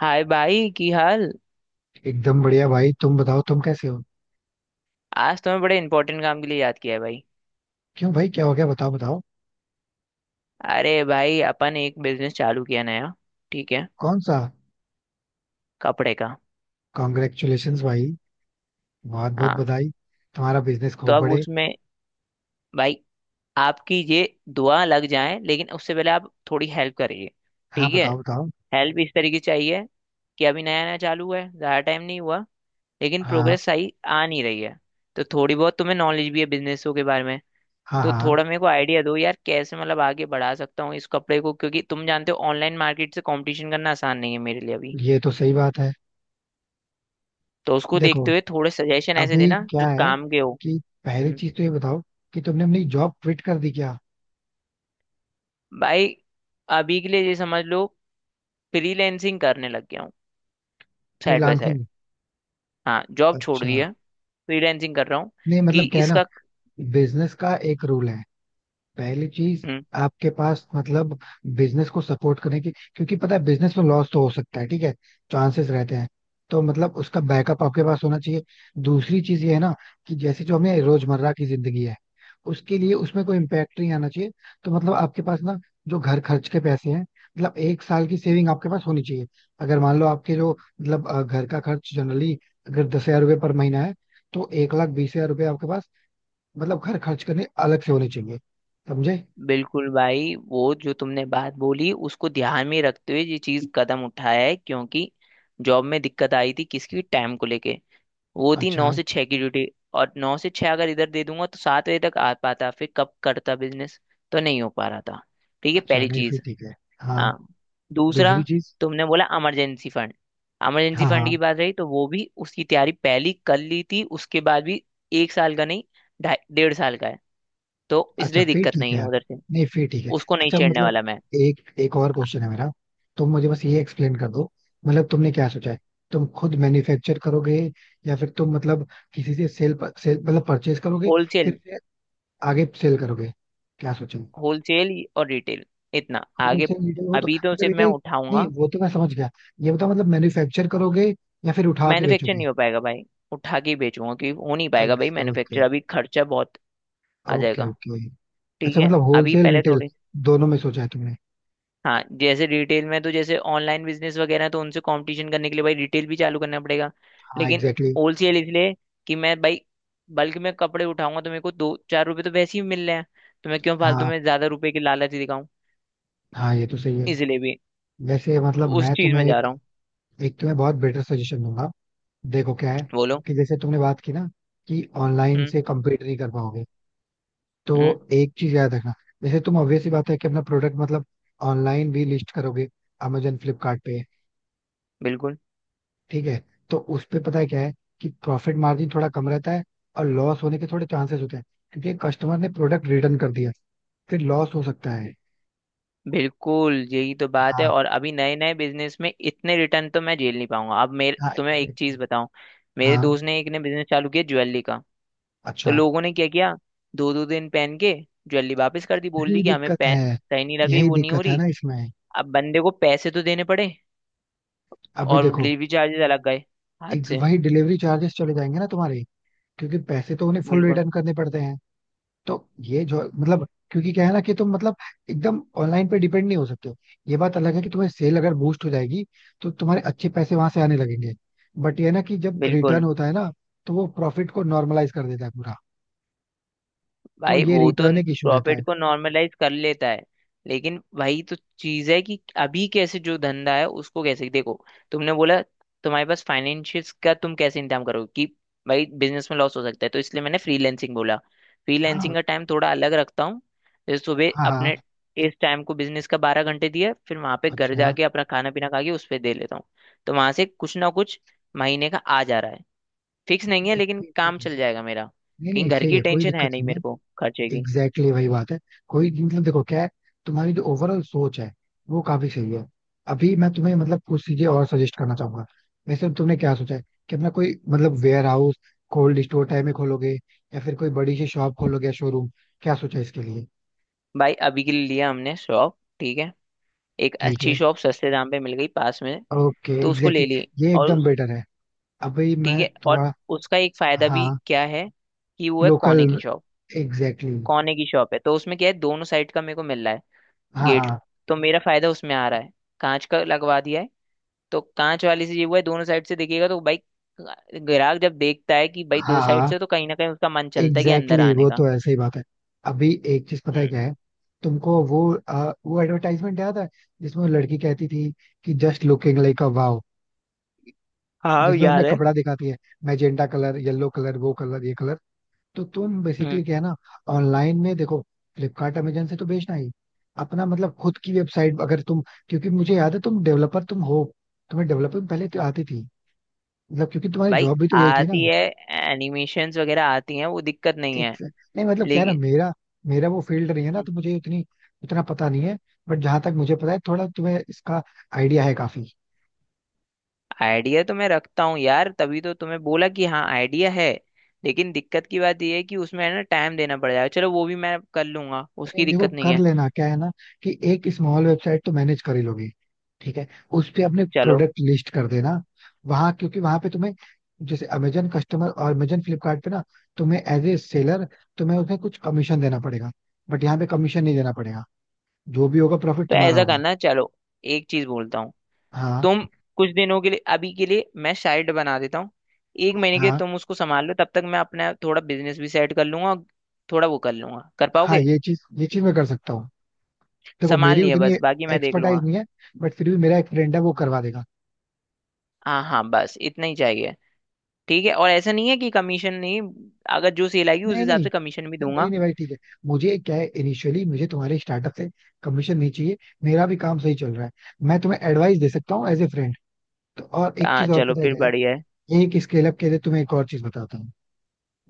हाय भाई की हाल। एकदम बढ़िया भाई. तुम बताओ, तुम कैसे हो? आज तुम्हें बड़े इंपॉर्टेंट काम के लिए याद किया है भाई। क्यों भाई, क्या हो गया? बताओ बताओ. अरे भाई, अपन एक बिजनेस चालू किया नया। ठीक है। कौन सा? कपड़े का। कॉन्ग्रेचुलेशंस भाई. बहुत बहुत हाँ। बधाई. तुम्हारा बिजनेस तो खूब अब बढ़े. उसमें भाई आपकी ये दुआ लग जाए, लेकिन उससे पहले आप थोड़ी हेल्प करिए। हाँ, ठीक है। बताओ बताओ. हेल्प इस तरीके से चाहिए कि अभी नया नया चालू हुआ है, ज़्यादा टाइम नहीं हुआ, लेकिन हाँ प्रोग्रेस सही आ नहीं रही है। तो थोड़ी बहुत तुम्हें नॉलेज भी है बिजनेसों के बारे में, हाँ. तो हाँ, थोड़ा मेरे को आइडिया दो यार कैसे मतलब आगे बढ़ा सकता हूँ इस कपड़े को, क्योंकि तुम जानते हो ऑनलाइन मार्केट से कंपटीशन करना आसान नहीं है मेरे लिए अभी। ये तो सही बात है. तो उसको देखो, देखते हुए थोड़े सजेशन ऐसे अभी देना जो क्या है, काम के हो। कि पहली हम्म। चीज तो ये बताओ, कि तुमने अपनी जॉब क्विट कर दी क्या? भाई, अभी के लिए ये समझ लो, फ्रीलैंसिंग करने लग गया हूँ साइड बाय साइड। फ्रीलांसिंग? हाँ, जॉब छोड़ अच्छा. दी है। फ्रीलैंसिंग कर रहा हूँ नहीं कि मतलब क्या है ना, इसका। बिजनेस का एक रूल है. पहली चीज, हम्म। आपके पास मतलब बिजनेस को सपोर्ट करने की, क्योंकि पता है बिजनेस में लॉस तो हो सकता है, ठीक है, चांसेस रहते हैं. तो मतलब उसका बैकअप आपके पास होना चाहिए. दूसरी चीज ये है ना, कि जैसे जो हमें रोजमर्रा की जिंदगी है, उसके लिए उसमें कोई इम्पेक्ट नहीं आना चाहिए. तो मतलब आपके पास ना, जो घर खर्च के पैसे हैं, मतलब एक साल की सेविंग आपके पास होनी चाहिए. अगर मान लो आपके जो मतलब घर का खर्च जनरली अगर 10,000 रुपये पर महीना है, तो 1,20,000 रुपये आपके पास, मतलब घर खर्च करने अलग से होने चाहिए. समझे? बिल्कुल भाई, वो जो तुमने बात बोली उसको ध्यान में रखते हुए ये चीज कदम उठाया है, क्योंकि जॉब में दिक्कत आई थी किसकी टाइम को लेके। वो थी अच्छा. 9 से 6 की ड्यूटी। और 9 से 6 अगर इधर दे दूंगा तो 7 बजे तक आ पाता, फिर कब करता बिजनेस। तो नहीं हो पा रहा था। ठीक है, अच्छा, पहली नहीं फिर चीज। ठीक है. हाँ. हाँ। दूसरा, दूसरी चीज. तुमने बोला इमरजेंसी फंड। इमरजेंसी हाँ फंड की हाँ. बात रही तो वो भी उसकी तैयारी पहली कर ली थी उसके बाद भी। 1 साल का नहीं, ढाई डेढ़ साल का है। तो अच्छा इसलिए फिर दिक्कत ठीक नहीं है है यार. उधर से। नहीं, फिर ठीक है. उसको नहीं अच्छा छेड़ने मतलब, वाला मैं। एक एक और क्वेश्चन है मेरा. तुम मुझे बस ये एक्सप्लेन कर दो, मतलब तुमने क्या सोचा है? तुम खुद मैन्युफैक्चर करोगे, या फिर तुम मतलब किसी से सेल, सेल मतलब परचेज करोगे, होलसेल। फिर से आगे सेल करोगे? क्या सोचा है? होलसेल और रिटेल। इतना आगे होलसेल रिटेल हो तो अभी तो मतलब सिर्फ मैं रिटेल. नहीं उठाऊंगा। वो तो मैं समझ गया. ये बताओ मतलब मैन्युफैक्चर करोगे, या फिर उठा के मैन्युफैक्चर बेचोगे? नहीं हो पाएगा भाई। उठा के ही बेचूंगा, क्योंकि हो नहीं पाएगा भाई ओके. मैन्युफैक्चर, अभी खर्चा बहुत आ ओके जाएगा। ओके. ठीक अच्छा है। मतलब अभी होलसेल पहले रिटेल थोड़ी दोनों में सोचा है तुमने? हाँ, जैसे रिटेल में तो जैसे ऑनलाइन बिजनेस वगैरह है, तो उनसे कंपटीशन करने के लिए भाई रिटेल भी चालू करना पड़ेगा। हाँ, लेकिन एग्जैक्टली exactly. होलसेल इसलिए कि मैं भाई बल्क में कपड़े उठाऊंगा तो मेरे को दो चार रुपए तो वैसे ही मिल रहे हैं, तो मैं क्यों फालतू हाँ, में ज्यादा रुपए की लालच दिखाऊं। हाँ ये तो सही है. इसलिए भी वैसे मतलब उस मैं चीज में तुम्हें जा एक, रहा हूँ। एक तुम्हें बहुत बेटर सजेशन दूंगा. देखो क्या है, बोलो। कि जैसे तुमने बात की ना कि ऑनलाइन हम्म। से कम्पीट नहीं कर पाओगे, तो हम्म। एक चीज याद रखना. जैसे तुम ऑब्वियस सी बात है कि अपना प्रोडक्ट मतलब ऑनलाइन भी लिस्ट करोगे, अमेजन फ्लिपकार्ट पे. बिल्कुल। ठीक है, तो उस पे पता है क्या है, कि प्रॉफिट मार्जिन थोड़ा कम रहता है, और लॉस होने के थोड़े चांसेस होते हैं, क्योंकि कस्टमर ने प्रोडक्ट रिटर्न कर दिया, फिर लॉस हो सकता है. बिल्कुल यही तो बात है, हाँ, और अभी नए नए बिजनेस में इतने रिटर्न तो मैं झेल नहीं पाऊंगा। अब मेरे हाँ तुम्हें एक चीज एग्जैक्टली. बताऊं। मेरे हाँ. दोस्त ने एक ने बिजनेस चालू किया ज्वेलरी का। तो अच्छा. लोगों ने क्या किया, दो दो दिन पहन के ज्वेलरी वापस कर दी, बोल यही दी कि हमें दिक्कत पहन है. सही नहीं लग रही, यही वो नहीं हो दिक्कत है रही। ना इसमें. अब बंदे को पैसे तो देने पड़े, अभी और देखो, डिलीवरी चार्जेस अलग गए हाथ एक से। वही डिलीवरी चार्जेस चले जाएंगे ना तुम्हारे, क्योंकि पैसे तो उन्हें फुल बिल्कुल। रिटर्न करने पड़ते हैं. तो ये जो मतलब, क्योंकि क्या है ना, कि तुम मतलब एकदम ऑनलाइन पे डिपेंड नहीं हो सकते हो. ये बात अलग है कि तुम्हें सेल अगर बूस्ट हो जाएगी, तो तुम्हारे अच्छे पैसे वहां से आने लगेंगे, बट ये है ना कि जब रिटर्न बिल्कुल। होता है ना, तो वो प्रॉफिट को नॉर्मलाइज कर देता है पूरा. तो भाई ये वो तो रिटर्न एक इशू रहता है. प्रॉफिट को नॉर्मलाइज कर लेता है। लेकिन वही तो चीज है कि अभी कैसे जो धंधा है उसको कैसे देखो। तुमने बोला तुम्हारे पास फाइनेंशियल का तुम कैसे इंतजाम करोगे कि भाई बिजनेस में लॉस हो सकता है, तो इसलिए मैंने फ्रीलैंसिंग बोला। हाँ फ्रीलैंसिंग का टाइम थोड़ा अलग रखता हूँ। जैसे सुबह हाँ. हाँ. अपने इस टाइम को बिजनेस का 12 घंटे दिया, फिर वहां पे घर अच्छा. जाके अपना खाना पीना खा के उस पर दे लेता हूँ। तो वहां से कुछ ना कुछ महीने का आ जा रहा है। फिक्स नहीं है, नहीं, लेकिन ठीक, ठीक काम है. चल जाएगा मेरा। नहीं कहीं नहीं, घर सही की है, कोई टेंशन दिक्कत है नहीं नहीं मेरे को खर्चे है. की। एग्जैक्टली exactly, वही बात है. कोई मतलब देखो क्या है, तुम्हारी जो ओवरऑल सोच है, वो काफी सही है. अभी मैं तुम्हें मतलब कुछ चीजें और सजेस्ट करना चाहूंगा. वैसे तो तुमने क्या सोचा है, कि अपना कोई मतलब warehouse, cold store type में खोलोगे, या फिर कोई बड़ी सी शॉप खोलोगे या शोरूम? क्या सोचा है इसके लिए? भाई, अभी के लिए लिया हमने शॉप, ठीक है। एक ठीक अच्छी है. शॉप सस्ते दाम पे मिल गई पास में, ओके तो उसको एग्जैक्टली ले ली। exactly. ये और एकदम उस, बेटर है. अभी ठीक मैं है। और थोड़ा. उसका एक फायदा भी हाँ. क्या है कि वो है लोकल. कोने की शॉप। Exactly exactly. कोने की शॉप है तो उसमें क्या है दोनों साइड का मेरे को मिल रहा है हाँ गेट। हाँ. तो मेरा फायदा उसमें आ रहा है। कांच का लगवा दिया है, तो कांच वाली से ये हुआ है दोनों साइड से देखिएगा तो भाई ग्राहक जब देखता है कि भाई हाँ दो साइड हाँ से, तो कहीं ना कहीं उसका मन चलता है कि एग्जैक्टली अंदर exactly, आने वो का। तो ऐसे ही बात है. अभी एक चीज पता है क्या है, तुमको वो, वो एडवर्टाइजमेंट याद है जिसमें वो लड़की कहती थी कि just looking like a wow, हाँ जिसमें अपना याद है। कपड़ा दिखाती है, मैजेंटा कलर, येलो कलर, वो कलर, ये कलर. तो तुम हम्म। बेसिकली क्या है ना, ऑनलाइन में देखो, फ्लिपकार्ट अमेजन से तो बेचना ही, अपना मतलब खुद की वेबसाइट अगर तुम, क्योंकि मुझे याद है तुम डेवलपर तुम हो, तुम्हें डेवलपिंग पहले तो आती थी. मतलब क्योंकि तुम्हारी भाई, जॉब भी तो यही थी ना? आती है। एनिमेशंस वगैरह आती हैं, वो दिक्कत नहीं है। नहीं मतलब क्या है ना, लेकिन मेरा मेरा वो फील्ड नहीं है ना, तो मुझे उतनी, उतना पता नहीं है. बट जहां तक मुझे पता है, थोड़ा तुम्हें इसका आइडिया है काफी. आइडिया तो मैं रखता हूँ यार, तभी तो तुम्हें बोला कि हाँ आइडिया है। लेकिन दिक्कत की बात ये है कि उसमें है ना टाइम देना पड़ जाएगा, चलो वो भी मैं कर लूंगा, उसकी नहीं देखो, दिक्कत नहीं कर है। लेना क्या है ना, कि एक स्मॉल वेबसाइट तो मैनेज कर ही लोगे. ठीक है, उस पे अपने चलो प्रोडक्ट लिस्ट कर देना. वहां, क्योंकि वहां पे तुम्हें, जैसे अमेजन कस्टमर और अमेजन फ्लिपकार्ट पे ना, तुम्हें एज ए सेलर, तुम्हें उसमें कुछ कमीशन देना पड़ेगा. बट यहाँ पे कमीशन नहीं देना पड़ेगा, जो भी होगा प्रॉफिट तो तुम्हारा ऐसा होगा. करना, चलो एक चीज बोलता हूँ। हाँ तुम कुछ दिनों के लिए अभी के लिए मैं साइड बना देता हूँ, 1 महीने के लिए हाँ. तुम उसको संभाल लो, तब तक मैं अपना थोड़ा बिजनेस भी सेट कर लूंगा और थोड़ा वो कर लूंगा, कर हाँ, पाओगे। ये चीज मैं कर सकता हूँ. देखो संभाल मेरी लिए उतनी बस बाकी मैं देख एक्सपर्टाइज लूंगा। नहीं है, बट फिर भी मेरा एक फ्रेंड है, वो करवा देगा. हाँ हाँ, बस इतना ही चाहिए। ठीक है, और ऐसा नहीं है कि कमीशन नहीं, अगर जो सेल आएगी उस नहीं हिसाब नहीं. से कमीशन भी नहीं दूंगा। नहीं भाई ठीक है. मुझे क्या है, इनिशियली मुझे तुम्हारे स्टार्टअप से कमीशन नहीं चाहिए. मेरा भी काम सही चल रहा है. मैं तुम्हें एडवाइस दे सकता हूँ एज ए फ्रेंड. तो और एक हाँ, चीज और चलो पता है फिर क्या है, बढ़िया है। एक स्केल अप के लिए तुम्हें एक और चीज बताता हूँ.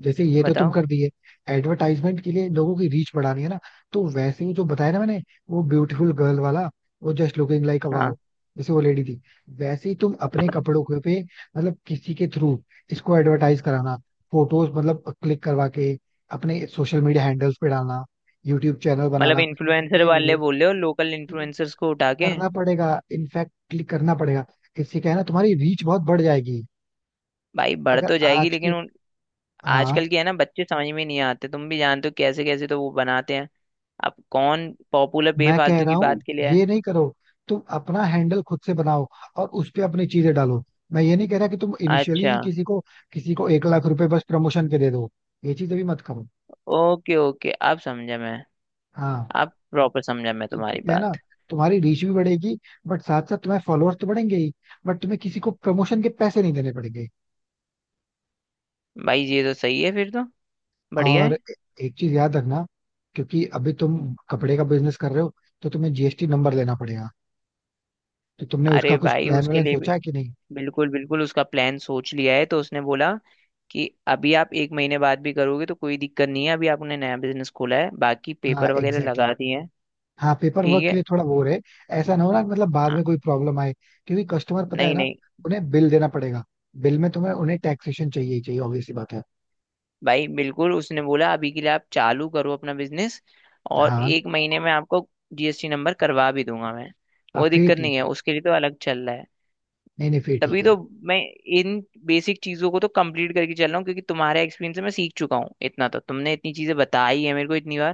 जैसे ये तो तुम बताओ। कर दिए, एडवर्टाइजमेंट के लिए लोगों की रीच बढ़ानी है ना, तो वैसे ही जो बताया ना मैंने, वो ब्यूटीफुल गर्ल वाला, वो just looking like a wow, हाँ जैसे वो लेडी थी, वैसे ही तुम अपने कपड़ों के पे, मतलब किसी के थ्रू इसको एडवर्टाइज कराना, फोटोज मतलब क्लिक करवा के अपने सोशल मीडिया हैंडल्स पे डालना, यूट्यूब चैनल मतलब बनाना, इन्फ्लुएंसर ये वाले वीडियो. बोल रहे हो लोकल देखो, इन्फ्लुएंसर्स को उठा के। करना पड़ेगा, इनफैक्ट क्लिक करना पड़ेगा. इससे क्या है ना, तुम्हारी रीच बहुत बढ़ जाएगी. भाई बढ़ अगर तो जाएगी आज के. लेकिन हाँ. आजकल की है ना बच्चे समझ में नहीं आते तुम भी जानते हो कैसे कैसे तो वो बनाते हैं। अब कौन पॉपुलर मैं कह बेफालतू रहा की हूँ बात के लिए ये है। नहीं करो. तुम अपना हैंडल खुद से बनाओ, और उस पे अपनी चीजें डालो. मैं ये नहीं कह रहा कि तुम इनिशियली अच्छा। ही किसी को, 1,00,000 रुपए बस प्रमोशन के दे दो. ये चीज अभी मत करो. ओके ओके, अब समझा मैं। हाँ. अब प्रॉपर समझा मैं इससे तुम्हारी क्या है ना, बात। तुम्हारी रीच भी बढ़ेगी, बट साथ साथ तुम्हारे फॉलोअर्स तो बढ़ेंगे ही, बट तुम्हें किसी को प्रमोशन के पैसे नहीं देने पड़ेंगे. भाई ये तो सही है फिर तो, बढ़िया और है। ए- एक चीज याद रखना, क्योंकि अभी तुम कपड़े का बिजनेस कर रहे हो, तो तुम्हें जीएसटी नंबर लेना पड़ेगा. तो तुमने उसका अरे कुछ भाई प्लान उसके वैलन लिए भी सोचा है कि नहीं? बिल्कुल बिल्कुल उसका प्लान सोच लिया है, तो उसने बोला कि अभी आप 1 महीने बाद भी करोगे तो कोई दिक्कत नहीं है, अभी आपने नया बिजनेस खोला है, बाकी हाँ पेपर वगैरह एग्जैक्टली. लगा दिए हैं। हाँ, पेपर वर्क ठीक के है। लिए थोड़ा वो है. ऐसा ना हो ना, कि मतलब बाद हाँ। में कोई प्रॉब्लम आए, क्योंकि कस्टमर पता है नहीं ना, नहीं, उन्हें बिल देना पड़ेगा. बिल में तुम्हें उन्हें टैक्सेशन चाहिए ही चाहिए, ऑब्वियसली बात है. भाई बिल्कुल उसने बोला अभी के लिए आप चालू करो अपना बिजनेस और हाँ, 1 महीने में आपको जीएसटी नंबर करवा भी दूंगा मैं। हाँ, वो फिर दिक्कत ठीक नहीं है है. उसके लिए, तो अलग चल रहा है। नहीं नहीं फिर ठीक. तभी तो मैं इन बेसिक चीजों को तो कंप्लीट करके चल रहा हूँ, क्योंकि तुम्हारे एक्सपीरियंस से मैं सीख चुका हूँ इतना, तो तुमने इतनी चीजें बताई है मेरे को इतनी बार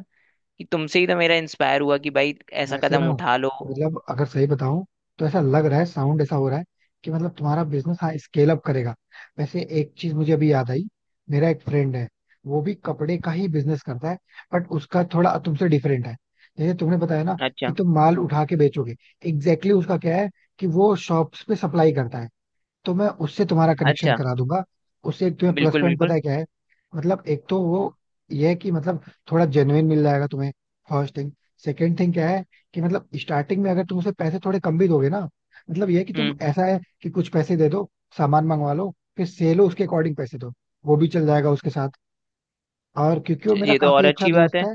कि तुमसे ही तो मेरा इंस्पायर हुआ है कि भाई ऐसा वैसे कदम ना उठा लो। मतलब अगर सही बताऊं, तो ऐसा लग रहा है, साउंड ऐसा हो रहा है, कि मतलब तुम्हारा बिजनेस, हाँ, स्केल अप करेगा. वैसे एक चीज मुझे अभी याद आई, मेरा एक फ्रेंड है, वो भी कपड़े का ही बिजनेस करता है, बट उसका थोड़ा तुमसे डिफरेंट है. जैसे तुमने बताया ना कि अच्छा। तुम माल उठा के बेचोगे, एग्जैक्टली exactly, उसका क्या है कि वो शॉप्स पे सप्लाई करता है. तो मैं उससे तुम्हारा कनेक्शन अच्छा। करा दूंगा. उससे एक तुम्हें प्लस बिल्कुल पॉइंट पता बिल्कुल। है क्या है, मतलब एक तो वो, ये है कि मतलब थोड़ा जेन्युइन मिल जाएगा तुम्हें. First thing. सेकेंड थिंग क्या है, कि मतलब स्टार्टिंग में अगर तुम उसे पैसे थोड़े कम भी दोगे ना, मतलब ये है कि तुम, हम्म। ऐसा है कि कुछ पैसे दे दो, सामान मंगवा लो, फिर से लो उसके अकॉर्डिंग पैसे दो, वो भी चल जाएगा उसके साथ, और क्योंकि वो मेरा ये तो काफी और अच्छा अच्छी बात दोस्त है। है,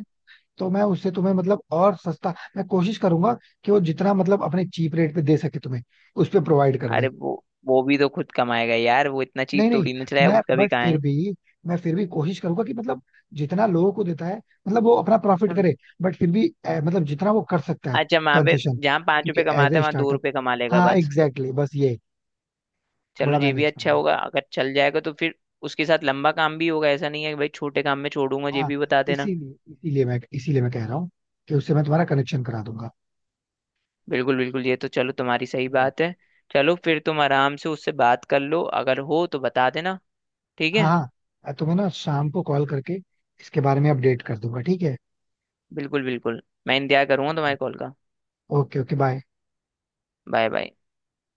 तो मैं उससे तुम्हें मतलब और सस्ता मैं कोशिश करूंगा कि वो जितना मतलब अपने चीप रेट पे दे सके, तुम्हें उस पे प्रोवाइड कर अरे दे. वो भी तो खुद कमाएगा यार, वो इतना नहीं चीप नहीं, थोड़ी ना चलाया, मैं, उसका भी बट कहाँ फिर है। भी, मैं फिर भी कोशिश करूंगा कि मतलब जितना लोगों को देता है, मतलब वो अपना प्रॉफिट हम्म। करे, बट फिर भी, मतलब जितना वो कर सकता है. अच्छा, वहां पे कंसेशन, जहाँ पांच क्योंकि रुपए एज कमाते ए हैं वहां दो स्टार्टअप. रुपए कमा लेगा हाँ बस। एग्जैक्टली exactly, बस ये चलो थोड़ा ये भी मैनेज अच्छा करना है. होगा अगर चल जाएगा तो फिर उसके साथ लंबा काम भी होगा, ऐसा नहीं है कि भाई छोटे काम में छोड़ूंगा, ये हाँ. भी बता देना। इसीलिए इसीलिए मैं कह रहा हूँ कि उससे मैं तुम्हारा कनेक्शन करा दूंगा. बिल्कुल बिल्कुल ये तो चलो तुम्हारी सही ठीक है. बात है। चलो फिर तुम आराम से उससे बात कर लो, अगर हो तो बता देना। ठीक हाँ है। हाँ. मैं तुम्हें ना शाम को कॉल करके इसके बारे में अपडेट कर दूंगा. ठीक है. बिल्कुल बिल्कुल मैं इंतजार करूंगा ठीक है. तुम्हारे कॉल का। Okay. Okay bye. Bye bye.